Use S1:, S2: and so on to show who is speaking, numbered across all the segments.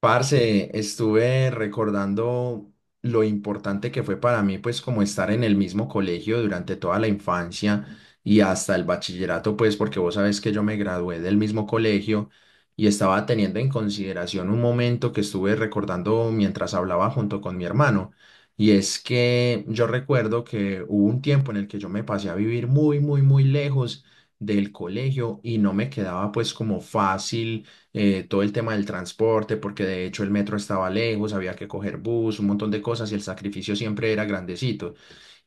S1: Parce, estuve recordando lo importante que fue para mí, pues como estar en el mismo colegio durante toda la infancia y hasta el bachillerato, pues porque vos sabés que yo me gradué del mismo colegio y estaba teniendo en consideración un momento que estuve recordando mientras hablaba junto con mi hermano. Y es que yo recuerdo que hubo un tiempo en el que yo me pasé a vivir muy, muy, muy lejos del colegio y no me quedaba pues como fácil, todo el tema del transporte, porque de hecho el metro estaba lejos, había que coger bus, un montón de cosas y el sacrificio siempre era grandecito.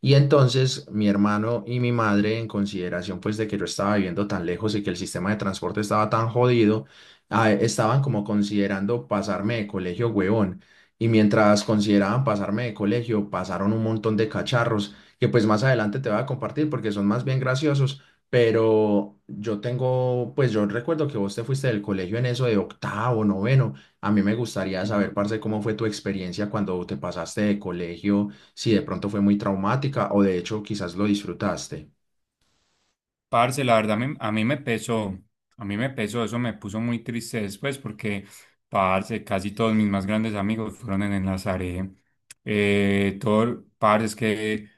S1: Y entonces mi hermano y mi madre, en consideración pues de que yo estaba viviendo tan lejos y que el sistema de transporte estaba tan jodido, estaban como considerando pasarme de colegio, huevón. Y mientras consideraban pasarme de colegio, pasaron un montón de cacharros que pues más adelante te voy a compartir porque son más bien graciosos. Pero yo tengo, pues yo recuerdo que vos te fuiste del colegio en eso de octavo, noveno. A mí me gustaría
S2: Ujú.
S1: saber, parce, cómo fue tu experiencia cuando te pasaste de colegio, si de pronto fue muy traumática o de hecho quizás lo disfrutaste.
S2: Parce, la verdad a mí me pesó, a mí me pesó. Eso me puso muy triste después, parce, casi todos mis más grandes amigos fueron en Enlazaré. Todo, parce, es que,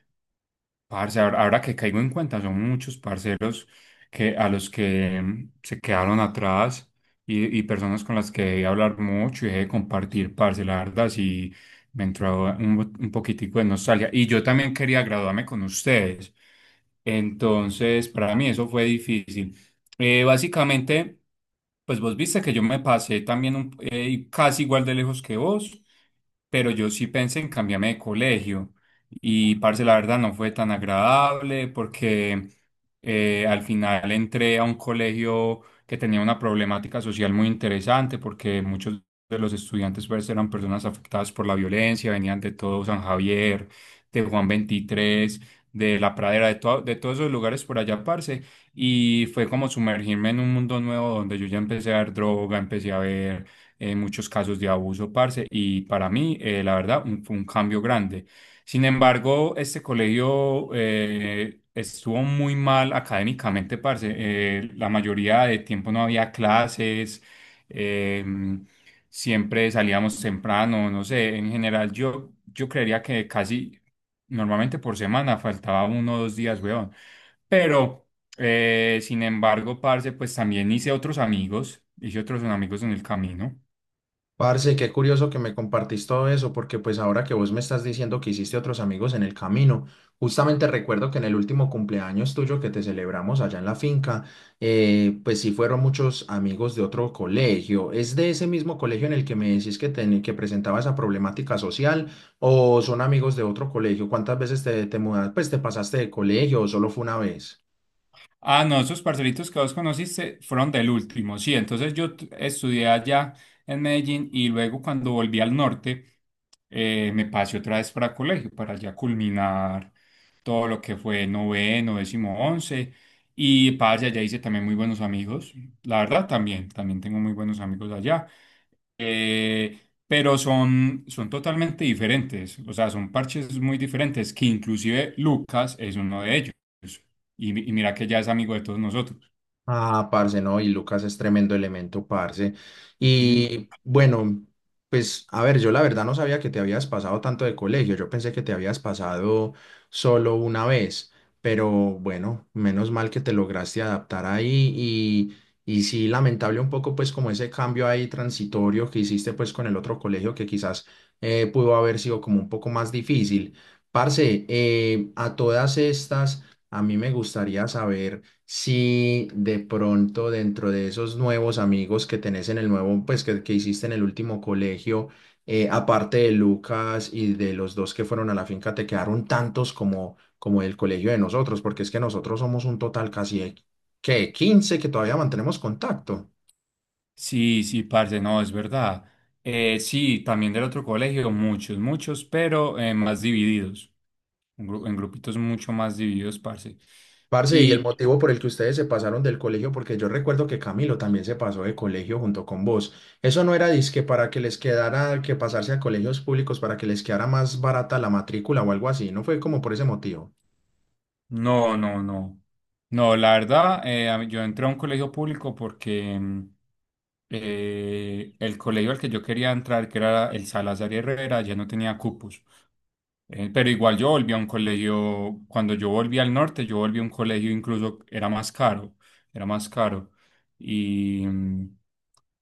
S2: parce, ahora que caigo en cuenta, son muchos parceros que, a los que se quedaron atrás, y personas con las que dejé hablar mucho y dejé de compartir, parce, la verdad, sí me entró un poquitico de nostalgia. Y yo también quería graduarme con ustedes. Entonces, para mí eso fue difícil. Básicamente, pues vos viste que yo me pasé también casi igual de lejos que vos, pero yo sí pensé en cambiarme de colegio. Y, parce, la verdad no fue tan agradable porque al final entré a un colegio que tenía una problemática social muy interesante, porque muchos de los estudiantes pues eran personas afectadas por la violencia, venían de todo San Javier, de Juan 23, de La Pradera, de todos esos lugares por allá, parce. Y fue como sumergirme en un mundo nuevo donde yo ya empecé a ver droga, empecé a ver muchos casos de abuso, parce. Y para mí, la verdad, fue un cambio grande. Sin embargo, este colegio estuvo muy mal académicamente, parce. La mayoría de tiempo no había clases, eh, siempre salíamos temprano, no sé, en general yo creería que casi normalmente por semana faltaba uno o dos días, weón. Pero... Sin embargo, parce, pues también hice otros amigos en el camino.
S1: Parce, qué curioso que me compartís todo eso, porque pues ahora que vos me estás diciendo que hiciste otros amigos en el camino, justamente recuerdo que en el último cumpleaños tuyo que te celebramos allá en la finca, pues sí fueron muchos amigos de otro colegio. ¿Es de ese mismo colegio en el que me decís que presentaba esa problemática social o son amigos de otro colegio? ¿Cuántas veces te mudaste, pues te pasaste de colegio o solo fue una vez?
S2: Ah, no, esos parcelitos que vos conociste fueron del último, sí. Entonces estudié allá en Medellín, y luego cuando volví al norte me pasé otra vez para colegio, para ya culminar todo lo que fue noveno, décimo, once. Y parce, allá hice también muy buenos amigos. La verdad también, también tengo muy buenos amigos allá. Eh, pero son totalmente diferentes, o sea, son parches muy diferentes, que inclusive Lucas es uno de ellos. Y, y mira que ya es amigo de todos nosotros.
S1: Ah, parce, no, y Lucas es tremendo elemento, parce.
S2: Ujú.
S1: Y bueno, pues a ver, yo la verdad no sabía que te habías pasado tanto de colegio, yo pensé que te habías pasado solo una vez, pero bueno, menos mal que te lograste adaptar ahí y sí, lamentable un poco pues como ese cambio ahí transitorio que hiciste pues con el otro colegio que quizás pudo haber sido como un poco más difícil. Parce, a todas estas, a mí me gustaría saber si de pronto dentro de esos nuevos amigos que tenés en el nuevo, pues que hiciste en el último colegio, aparte de Lucas y de los dos que fueron a la finca, te quedaron tantos como, como el colegio de nosotros, porque es que nosotros somos un total casi que 15 que todavía mantenemos contacto.
S2: Sí, sí, parce, no, es verdad. Sí, también del otro colegio, muchos, muchos, pero más divididos. En grupitos mucho más divididos, parce.
S1: Parce, y el
S2: Y
S1: motivo por el que ustedes se pasaron del colegio, porque yo recuerdo que Camilo también se pasó de colegio junto con vos. Eso no era disque para que les quedara que pasarse a colegios públicos para que les quedara más barata la matrícula o algo así, no fue como por ese motivo.
S2: no, no, no. No, la verdad, yo entré a un colegio público porque el colegio al que yo quería entrar, que era el Salazar y Herrera, ya no tenía cupos. Pero igual yo volví a un colegio, cuando yo volví al norte, yo volví a un colegio, incluso era más caro, era más caro. Y, mm,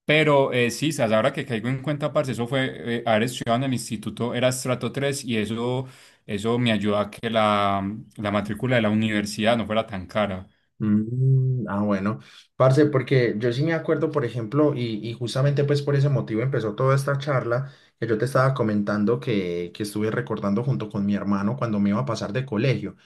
S2: sí, sas, ahora que caigo en cuenta, parce, eso fue, haber estudiado en el instituto era estrato tres, y eso me ayudó a que la matrícula de la universidad no fuera tan cara.
S1: Mm, ah, bueno, parce, porque yo sí me acuerdo, por ejemplo, y justamente pues por ese motivo empezó toda esta charla que yo te estaba comentando que estuve recordando junto con mi hermano cuando me iba a pasar de colegio.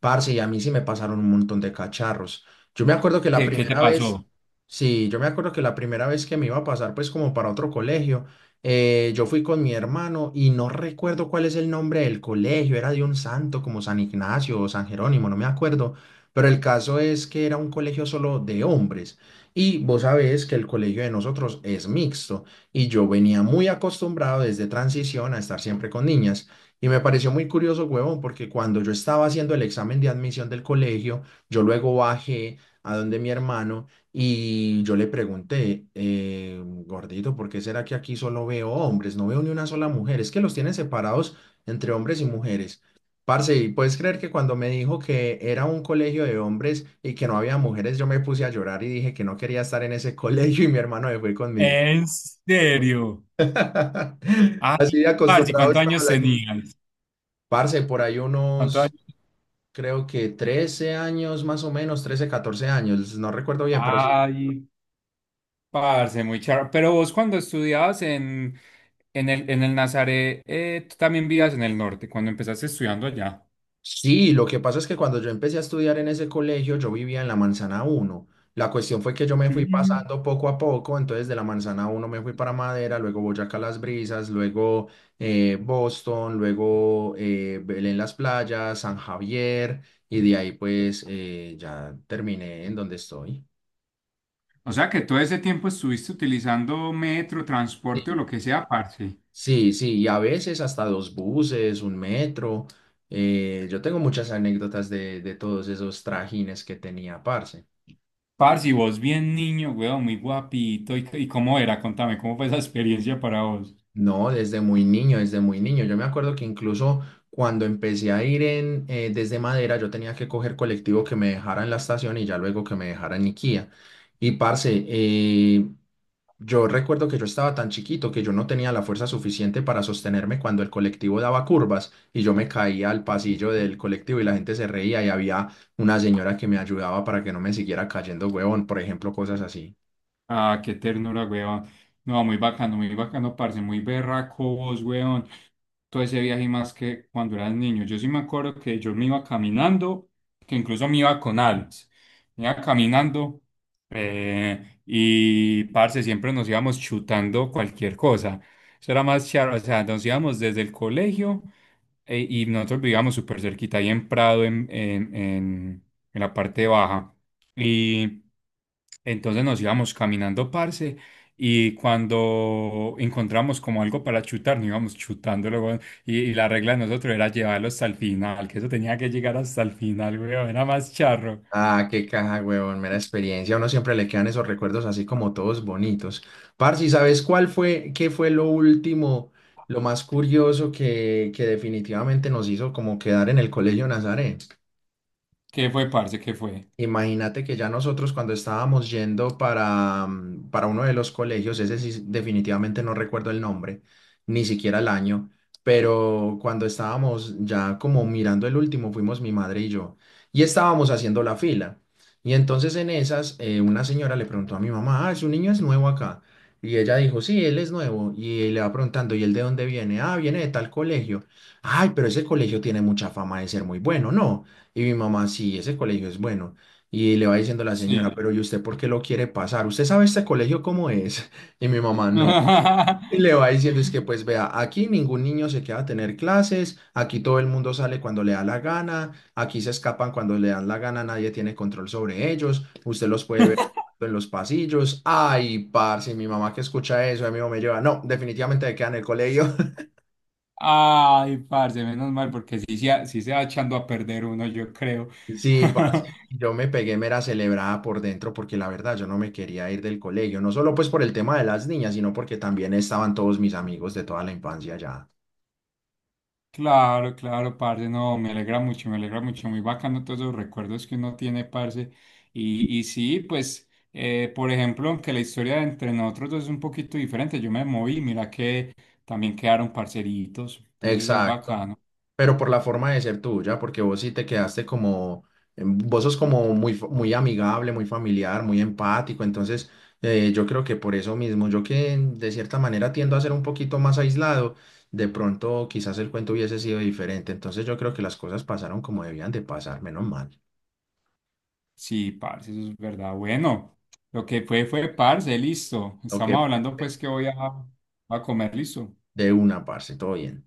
S1: Parce, y a mí sí me pasaron un montón de cacharros. Yo me acuerdo que la
S2: ¿Qué, qué te
S1: primera vez,
S2: pasó?
S1: sí, yo me acuerdo que la primera vez que me iba a pasar pues como para otro colegio, yo fui con mi hermano y no recuerdo cuál es el nombre del colegio, era de un santo como San Ignacio o San Jerónimo, no me acuerdo. Pero el caso es que era un colegio solo de hombres. Y vos sabés que el colegio de nosotros es mixto. Y yo venía muy acostumbrado desde transición a estar siempre con niñas. Y me pareció muy curioso, huevón, porque cuando yo estaba haciendo el examen de admisión del colegio, yo luego bajé a donde mi hermano y yo le pregunté, gordito, ¿por qué será que aquí solo veo hombres? No veo ni una sola mujer. Es que los tienen separados entre hombres y mujeres. Parce, y puedes creer que cuando me dijo que era un colegio de hombres y que no había mujeres, yo me puse a llorar y dije que no quería estar en ese colegio y mi hermano se fue conmigo.
S2: ¿En serio?
S1: Así
S2: Ay,
S1: de
S2: parce,
S1: acostumbrado
S2: ¿cuántos
S1: estaban
S2: años
S1: las niñas.
S2: tenías?
S1: Parce, por ahí
S2: ¿Cuántos
S1: unos,
S2: años?
S1: creo que 13 años más o menos, 13, 14 años, no recuerdo bien, pero sí.
S2: Ay, parce, muy charro. Pero vos cuando estudiabas en, en el Nazaret, tú también vivías en el norte, cuando empezaste estudiando allá.
S1: Sí, lo que pasa es que cuando yo empecé a estudiar en ese colegio, yo vivía en la Manzana Uno. La cuestión fue que yo me fui
S2: Mm.
S1: pasando poco a poco, entonces de la Manzana Uno me fui para Madera, luego Boyacá Las Brisas, luego Boston, luego Belén Las Playas, San Javier, y de ahí pues ya terminé en donde estoy.
S2: O sea que todo ese tiempo estuviste utilizando metro, transporte o lo
S1: Sí,
S2: que sea, parce.
S1: sí, sí, y a veces hasta dos buses, un metro. Yo tengo muchas anécdotas de todos esos trajines que tenía, parce.
S2: Parce, y vos bien niño, weón, muy guapito. Y cómo era? Contame, ¿cómo fue esa experiencia para vos?
S1: No, desde muy niño, desde muy niño. Yo me acuerdo que incluso cuando empecé a ir desde Madera, yo tenía que coger colectivo que me dejara en la estación y ya luego que me dejara en Niquía. Y parce, yo recuerdo que yo estaba tan chiquito que yo no tenía la fuerza suficiente para sostenerme cuando el colectivo daba curvas y yo me caía al pasillo del colectivo y la gente se reía y había una señora que me ayudaba para que no me siguiera cayendo, huevón, por ejemplo, cosas así.
S2: Ah, qué ternura, weón. No, muy bacano, parce, muy berraco vos, weón. Todo ese viaje y más que cuando eras niño. Yo sí me acuerdo que yo me iba caminando, que incluso me iba con Alex. Me iba caminando y, parce, siempre nos íbamos chutando cualquier cosa. Eso era más charro, o sea, nos íbamos desde el colegio y nosotros vivíamos súper cerquita ahí en Prado, en la parte baja. Y entonces nos íbamos caminando, parce. Y cuando encontramos como algo para chutar, nos íbamos chutando, y la regla de nosotros era llevarlo hasta el final, que eso tenía que llegar hasta el final, weón, era más charro.
S1: Ah, qué caja, huevón, mera experiencia. A uno siempre le quedan esos recuerdos así como todos bonitos. Parce, ¿sabes qué fue lo último, lo más curioso que definitivamente nos hizo como quedar en el Colegio Nazaret?
S2: ¿Qué fue, parce? ¿Qué fue?
S1: Imagínate que ya nosotros cuando estábamos yendo para uno de los colegios, ese sí definitivamente no recuerdo el nombre, ni siquiera el año, pero cuando estábamos ya como mirando el último, fuimos mi madre y yo, y estábamos haciendo la fila. Y entonces en esas, una señora le preguntó a mi mamá, ah, su niño es nuevo acá. Y ella dijo, sí, él es nuevo. Y le va preguntando, ¿y él de dónde viene? Ah, viene de tal colegio. Ay, pero ese colegio tiene mucha fama de ser muy bueno, ¿no? Y mi mamá, sí, ese colegio es bueno. Y le va diciendo la señora,
S2: Sí.
S1: pero ¿y usted por qué lo quiere pasar? ¿Usted sabe este colegio cómo es? Y mi mamá no. Y le va diciendo, es que pues vea, aquí ningún niño se queda a tener clases, aquí todo el mundo sale cuando le da la gana, aquí se escapan cuando le dan la gana, nadie tiene control sobre ellos, usted los puede ver en los pasillos. Ay, parce, mi mamá que escucha eso, a mí me lleva, no, definitivamente se queda en el colegio.
S2: Ay, parce, menos mal, porque sí, sí se va echando a perder uno, yo creo.
S1: Sí, parce, yo me pegué mera celebrada por dentro porque la verdad yo no me quería ir del colegio, no solo pues por el tema de las niñas, sino porque también estaban todos mis amigos de toda la infancia ya.
S2: Claro, claro, parce, no, me alegra mucho, muy bacano todos los recuerdos que uno tiene, parce. Y sí, pues, por ejemplo, aunque la historia entre nosotros dos es un poquito diferente, yo me moví, mira que también quedaron parceritos, entonces es
S1: Exacto,
S2: bacano.
S1: pero por la forma de ser tuya, porque vos sí te quedaste como, vos sos como muy amigable, muy familiar, muy empático, entonces yo creo que por eso mismo, yo que de cierta manera tiendo a ser un poquito más aislado, de pronto quizás el cuento hubiese sido diferente, entonces yo creo que las cosas pasaron como debían de pasar, menos mal.
S2: Sí, parce, eso es verdad. Bueno, lo que fue parce, listo.
S1: Ok,
S2: Estamos
S1: fue-
S2: hablando
S1: fue
S2: pues que voy a comer, listo.
S1: de una, parce, todo bien.